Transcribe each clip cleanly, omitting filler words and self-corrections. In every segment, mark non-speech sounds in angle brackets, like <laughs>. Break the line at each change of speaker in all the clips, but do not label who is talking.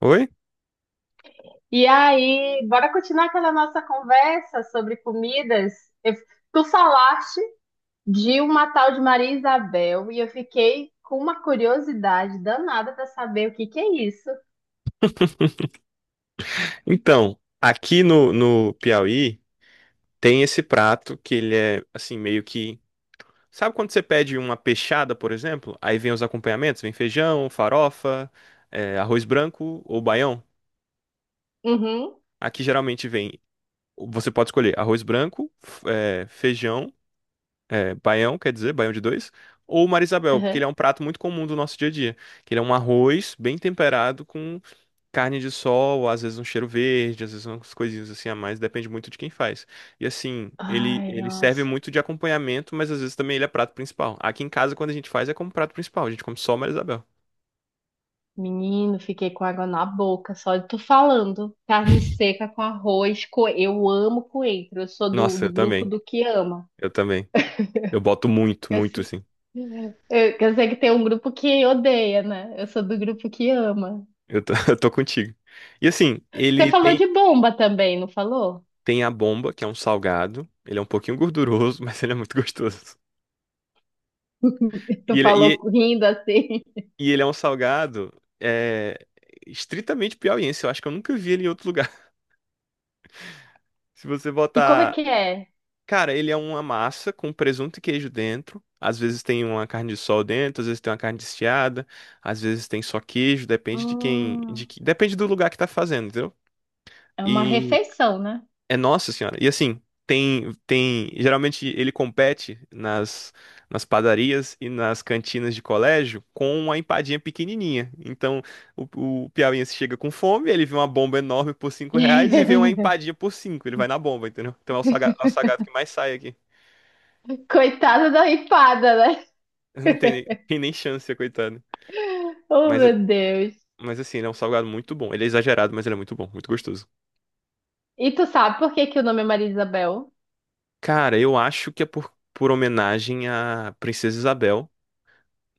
Oi?
E aí, bora continuar aquela nossa conversa sobre comidas. Eu- Tu falaste de uma tal de Maria Isabel e eu fiquei com uma curiosidade danada para saber o que que é isso.
Então, aqui no Piauí tem esse prato que ele é assim meio que. Sabe quando você pede uma peixada, por exemplo? Aí vem os acompanhamentos, vem feijão, farofa, arroz branco ou baião.
Uhum,
Aqui geralmente vem, você pode escolher arroz branco, feijão, baião, quer dizer, baião de dois, ou marisabel, porque
uhum.
ele é um prato muito comum do nosso dia a dia, que ele é um arroz bem temperado carne de sol, às vezes um cheiro verde, às vezes umas coisinhas assim a mais, depende muito de quem faz. E assim, ele,
Ai,
ele serve
nossa.
muito de acompanhamento, mas às vezes também ele é prato principal. Aqui em casa, quando a gente faz, é como prato principal, a gente come só Maria Isabel.
Menino, fiquei com água na boca só de tu falando. Carne seca com arroz, eu amo coentro. Eu sou do,
Nossa,
do
eu
grupo
também,
do que ama.
eu também. Eu boto muito,
Eu,
muito
se-
assim.
eu sei que tem um grupo que odeia, né? Eu sou do grupo que ama.
Eu tô, <laughs> eu tô contigo. E assim,
Você
ele
falou
tem,
de bomba também, não falou?
tem a bomba, que é um salgado, ele é um pouquinho gorduroso, <laughs> mas ele é muito gostoso.
<laughs> Tu
E ele, é,
falou
e,
rindo assim.
e ele é um salgado é, estritamente piauiense, eu acho que eu nunca vi ele em outro lugar. <laughs> Se você
E como é
botar
que é?
cara, ele é uma massa com presunto e queijo dentro. Às vezes tem uma carne de sol dentro, às vezes tem uma carne desfiada, às vezes tem só queijo, depende de quem, de
Hum,
que, depende do lugar que tá fazendo, entendeu?
é uma
E
refeição, né?
é nossa senhora. E assim, tem, geralmente ele compete nas padarias e nas cantinas de colégio com uma empadinha pequenininha. Então, o piauiense chega com fome, ele vê uma bomba enorme por cinco reais e vê uma
<laughs>
empadinha por cinco, ele vai na bomba, entendeu? Então é o é o salgado que mais sai aqui.
Coitada da ripada, né?
<laughs> Não tem nem, tem nem chance, coitado.
Oh,
Mas,
meu Deus.
mas assim, ele é um salgado muito bom. Ele é exagerado, mas ele é muito bom, muito gostoso.
E tu sabe por que que o nome é Maria Isabel?
Cara, eu acho que é por homenagem à Princesa Isabel,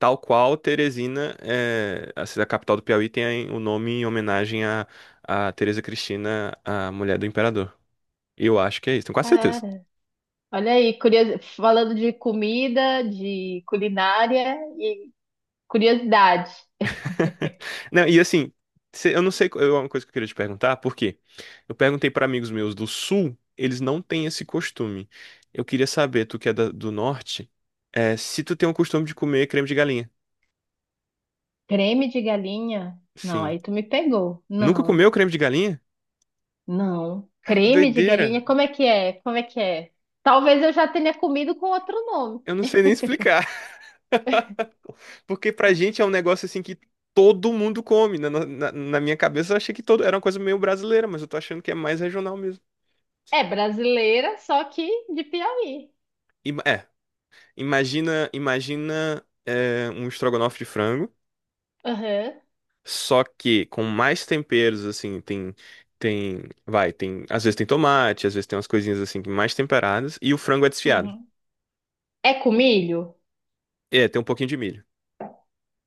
tal qual Teresina, é, a cidade capital do Piauí, tem o nome em homenagem à, à Teresa Cristina, a mulher do imperador. Eu acho que é isso, tenho quase certeza.
Cara, olha aí, falando de comida, de culinária e curiosidade.
<laughs> Não, e assim, eu não sei, é uma coisa que eu queria te perguntar, por quê? Eu perguntei para amigos meus do sul, eles não têm esse costume. Eu queria saber, tu que é do norte, é, se tu tem o costume de comer creme de galinha.
Creme de galinha? Não,
Sim.
aí tu me pegou.
Nunca
Não.
comeu creme de galinha?
Não.
Cara, que
Creme de
doideira.
galinha? Como é que é? Como é que é? Talvez eu já tenha comido com outro nome.
Eu não sei nem explicar. <laughs> Porque pra gente é um negócio assim que todo mundo come. Na minha cabeça eu achei que todo era uma coisa meio brasileira, mas eu tô achando que é mais regional mesmo.
É brasileira, só que de Piauí.
E, é, imagina, imagina é, um estrogonofe de frango,
Aham.
só que com mais temperos, assim, tem, tem, vai, tem, às vezes tem tomate, às vezes tem umas coisinhas assim, mais temperadas, e o frango é desfiado.
Uhum. É com milho?
É, tem um pouquinho de milho.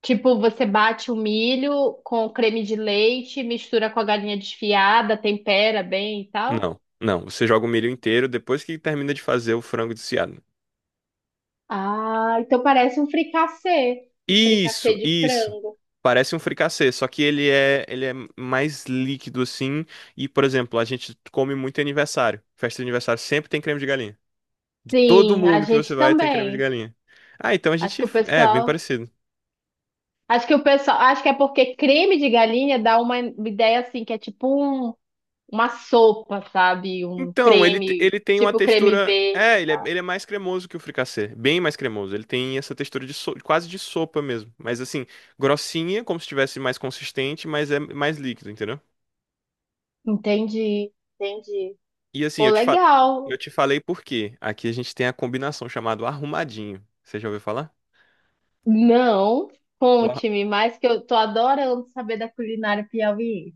Tipo, você bate o milho com creme de leite, mistura com a galinha desfiada, tempera bem e tal?
Não, não, você joga o milho inteiro depois que termina de fazer o frango desfiado.
Ah, então parece um fricassê. Um fricassê
Isso,
de
isso.
frango.
Parece um fricassê, só que ele é mais líquido assim, e, por exemplo, a gente come muito em aniversário. Festa de aniversário sempre tem creme de galinha. De todo
Sim, a
mundo que você
gente
vai tem creme de
também.
galinha. Ah, então a
Acho
gente.
que o
É, bem
pessoal.
parecido.
Acho que o pessoal, acho que é porque creme de galinha dá uma ideia assim, que é tipo um- uma sopa, sabe? Um
Então, ele,
creme,
ele tem uma
tipo creme
textura.
verde.
É, ele é, ele é mais cremoso que o fricassê. Bem mais cremoso. Ele tem essa textura de quase de sopa mesmo. Mas assim, grossinha, como se estivesse mais consistente, mas é mais líquido, entendeu?
Entendi, entendi.
E assim,
Pô,
eu
legal.
te falei por quê. Aqui a gente tem a combinação chamada arrumadinho. Você já ouviu falar?
Não,
O ar-
conte-me mais que eu tô adorando saber da culinária piauiense.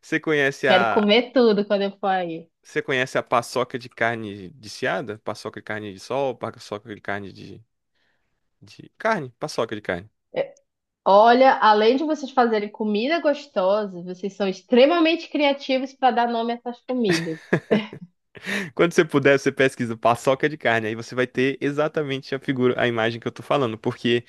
Você conhece
Quero
a.
comer tudo quando eu for aí.
Você conhece a paçoca de carne de seada? Paçoca de carne de sol, paçoca de carne de carne, paçoca de carne.
É, olha, além de vocês fazerem comida gostosa, vocês são extremamente criativos para dar nome a essas comidas.
Quando você puder, você pesquisa paçoca de carne. Aí você vai ter exatamente a figura, a imagem que eu tô falando. Porque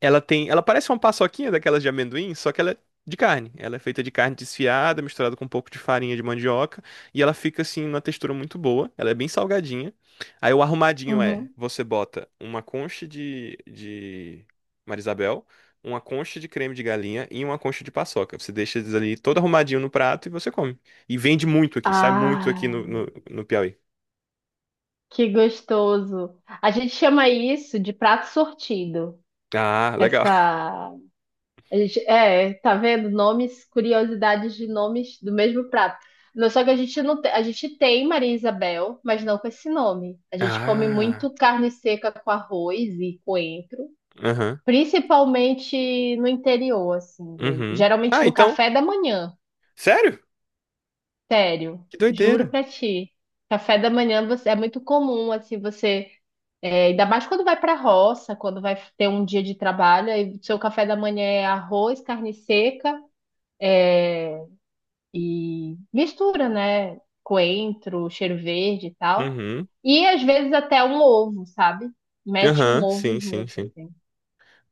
ela tem, ela parece uma paçoquinha daquelas de amendoim, só que ela é de carne. Ela é feita de carne desfiada, misturada com um pouco de farinha de mandioca, e ela fica assim numa textura muito boa. Ela é bem salgadinha. Aí o arrumadinho é,
Uhum.
você bota uma concha de Marisabel, uma concha de creme de galinha e uma concha de paçoca. Você deixa eles ali todo arrumadinho no prato e você come. E vende muito aqui, sai muito aqui
Ah.
no Piauí.
Que gostoso. A gente chama isso de prato sortido.
Ah, legal. <laughs>
Essa, é, tá vendo? Nomes, curiosidades de nomes do mesmo prato. Não, só que a gente não tem, a gente tem Maria Isabel, mas não com esse nome. A gente come
Ah,
muito carne seca com arroz e coentro,
aham,
principalmente no interior, assim,
uhum.
geralmente
Ah,
no
então,
café da manhã.
sério?
Sério,
Que
juro
doideira.
pra ti. Café da manhã você, é muito comum assim você é, ainda mais quando vai para a roça, quando vai ter um dia de trabalho, aí seu café da manhã é arroz, carne seca, é, e mistura, né? Coentro, cheiro verde e tal.
Uhum.
E às vezes até um ovo, sabe? Mete um
Aham, sim,
ovo
sim,
junto,
sim.
assim.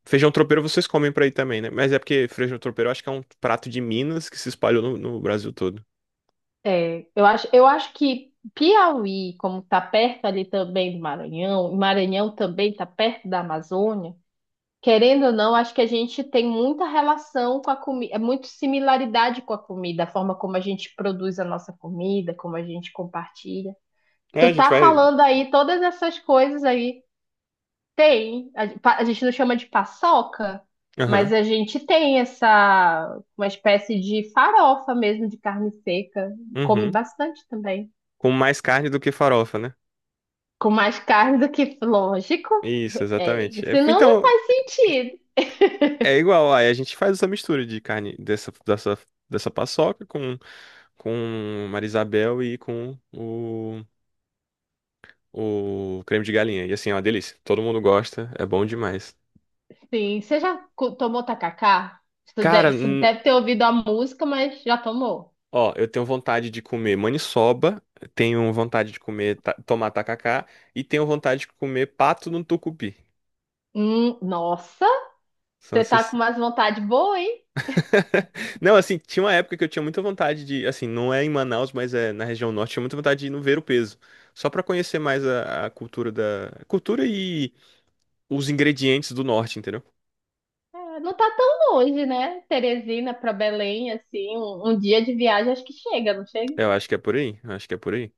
Feijão tropeiro vocês comem pra aí também, né? Mas é porque feijão tropeiro eu acho que é um prato de Minas que se espalhou no Brasil todo.
É, eu acho que Piauí, como tá perto ali também do Maranhão, e Maranhão também tá perto da Amazônia, querendo ou não, acho que a gente tem muita relação com a comida, é muito similaridade com a comida, a forma como a gente produz a nossa comida, como a gente compartilha.
É,
Tu
a gente
tá
vai.
falando aí todas essas coisas aí, tem. A gente não chama de paçoca, mas
Aham.
a gente tem essa, uma espécie de farofa mesmo de carne seca. Come
Uhum.
bastante também.
Com mais carne do que farofa, né?
Com mais carne do que, lógico.
Isso,
É,
exatamente. É,
senão não
então,
faz sentido.
é igual. Aí a gente faz essa mistura de carne dessa paçoca com Marisabel e com o creme de galinha. E assim, é uma delícia. Todo mundo gosta, é bom demais.
Sim, você já tomou tacacá?
Cara,
Você deve ter ouvido a música, mas já tomou.
ó, eu tenho vontade de comer maniçoba, tenho vontade de comer ta tomar tacacá e tenho vontade de comer pato no tucupi.
Nossa,
São
você tá
essas...
com umas vontades boas, hein?
<laughs> Não, assim, tinha uma época que eu tinha muita vontade de, assim, não é em Manaus, mas é na região norte, tinha muita vontade de ir no Ver-o-Peso, só pra conhecer mais a cultura da cultura e os ingredientes do norte, entendeu?
É, não tá tão longe, né? Teresina pra Belém, assim, um dia de viagem acho que chega, não chega?
Eu acho que é por aí, eu acho que é por aí.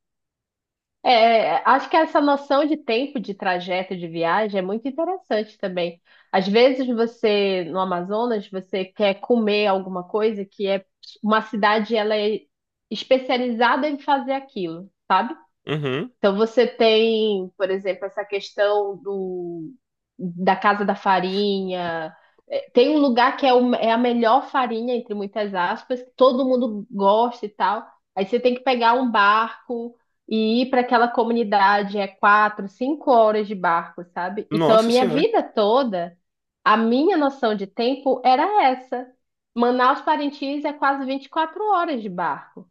É, acho que essa noção de tempo de trajeto de viagem é muito interessante também. Às vezes você, no Amazonas, você quer comer alguma coisa que é uma cidade, ela é especializada em fazer aquilo, sabe?
Uhum.
Então você tem, por exemplo, essa questão do, da Casa da Farinha. É, tem um lugar que é, é a melhor farinha, entre muitas aspas, que todo mundo gosta e tal. Aí você tem que pegar um barco e ir para aquela comunidade, é 4, 5 horas de barco, sabe? Então a
Nossa
minha
senhora.
vida toda, a minha noção de tempo era essa. Manaus Parintins é quase 24 horas de barco.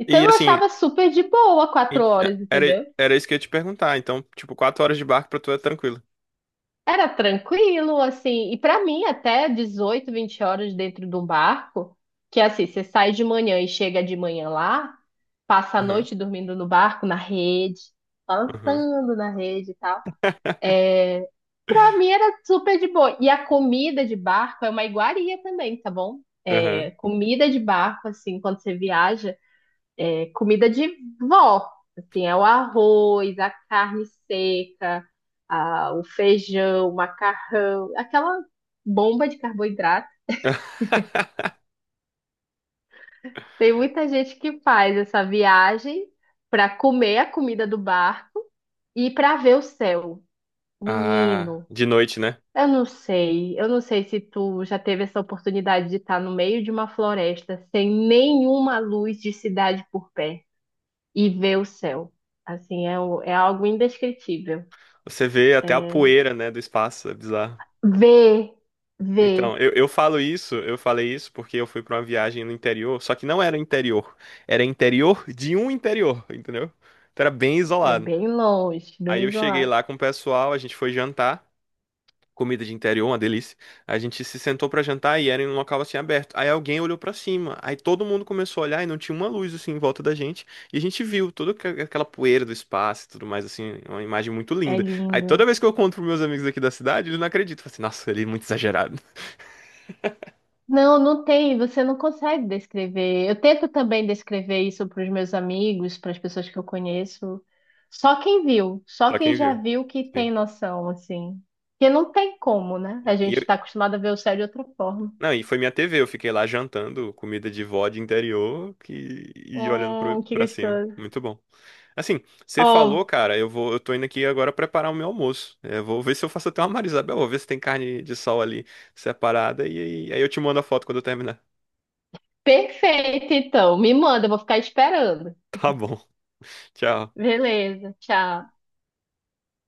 Então
E
eu
assim,
achava super de boa quatro horas,
era
entendeu?
era isso que eu ia te perguntar, então, tipo, quatro horas de barco pra tu é tranquilo.
Era tranquilo, assim, e pra mim até 18, 20 horas dentro de um barco, que é assim, você sai de manhã e chega de manhã lá, passa a
Aham.
noite dormindo no barco, na rede,
Aham.
balançando na rede e tal. Pra mim era super de boa. E a comida de barco é uma iguaria também, tá bom?
Aham.
É, comida de barco, assim, quando você viaja é comida de vó. Assim, é o arroz, a carne seca, o feijão, o macarrão, aquela bomba de carboidrato.
<laughs>
Tem muita gente que faz essa viagem para comer a comida do barco e para ver o céu.
Ah,
Menino,
de noite, né?
eu não sei se tu já teve essa oportunidade de estar no meio de uma floresta sem nenhuma luz de cidade por perto e ver o céu. Assim, é, é algo indescritível.
Você vê até a
É,
poeira, né, do espaço, é bizarro.
ver,
Então,
ver.
eu falo isso, eu falei isso porque eu fui pra uma viagem no interior, só que não era interior, era interior de um interior, entendeu? Então era bem
É
isolado.
bem longe,
Aí
bem
eu cheguei
isolado.
lá com o pessoal, a gente foi jantar. Comida de interior, uma delícia. A gente se sentou pra jantar e era em um local assim aberto. Aí alguém olhou pra cima, aí todo mundo começou a olhar e não tinha uma luz assim em volta da gente. E a gente viu toda aquela poeira do espaço e tudo mais assim, uma imagem muito
É
linda. Aí
lindo,
toda
né?
vez que eu conto pros meus amigos aqui da cidade, eles não acreditam. Falam assim, nossa, ele é muito exagerado. <laughs>
Não, não tem, você não consegue descrever. Eu tento também descrever isso para os meus amigos, para as pessoas que eu conheço. Só quem viu, só
Só
quem
quem
já
viu.
viu que tem
Sim.
noção, assim. Porque não tem como, né? A
E
gente está
eu-
acostumado a ver o céu de outra forma.
não, e foi minha TV, eu fiquei lá jantando comida de vó de interior que, e olhando pro,
Que
pra cima.
gostoso.
Muito bom. Assim, você falou,
Ó,
cara, eu vou, eu tô indo aqui agora preparar o meu almoço. Eu vou ver se eu faço até uma Marisabel, vou ver se tem carne de sol ali separada e aí eu te mando a foto quando eu terminar.
perfeito, então. Me manda, eu vou ficar esperando.
Tá bom. <laughs> Tchau.
Beleza, tchau.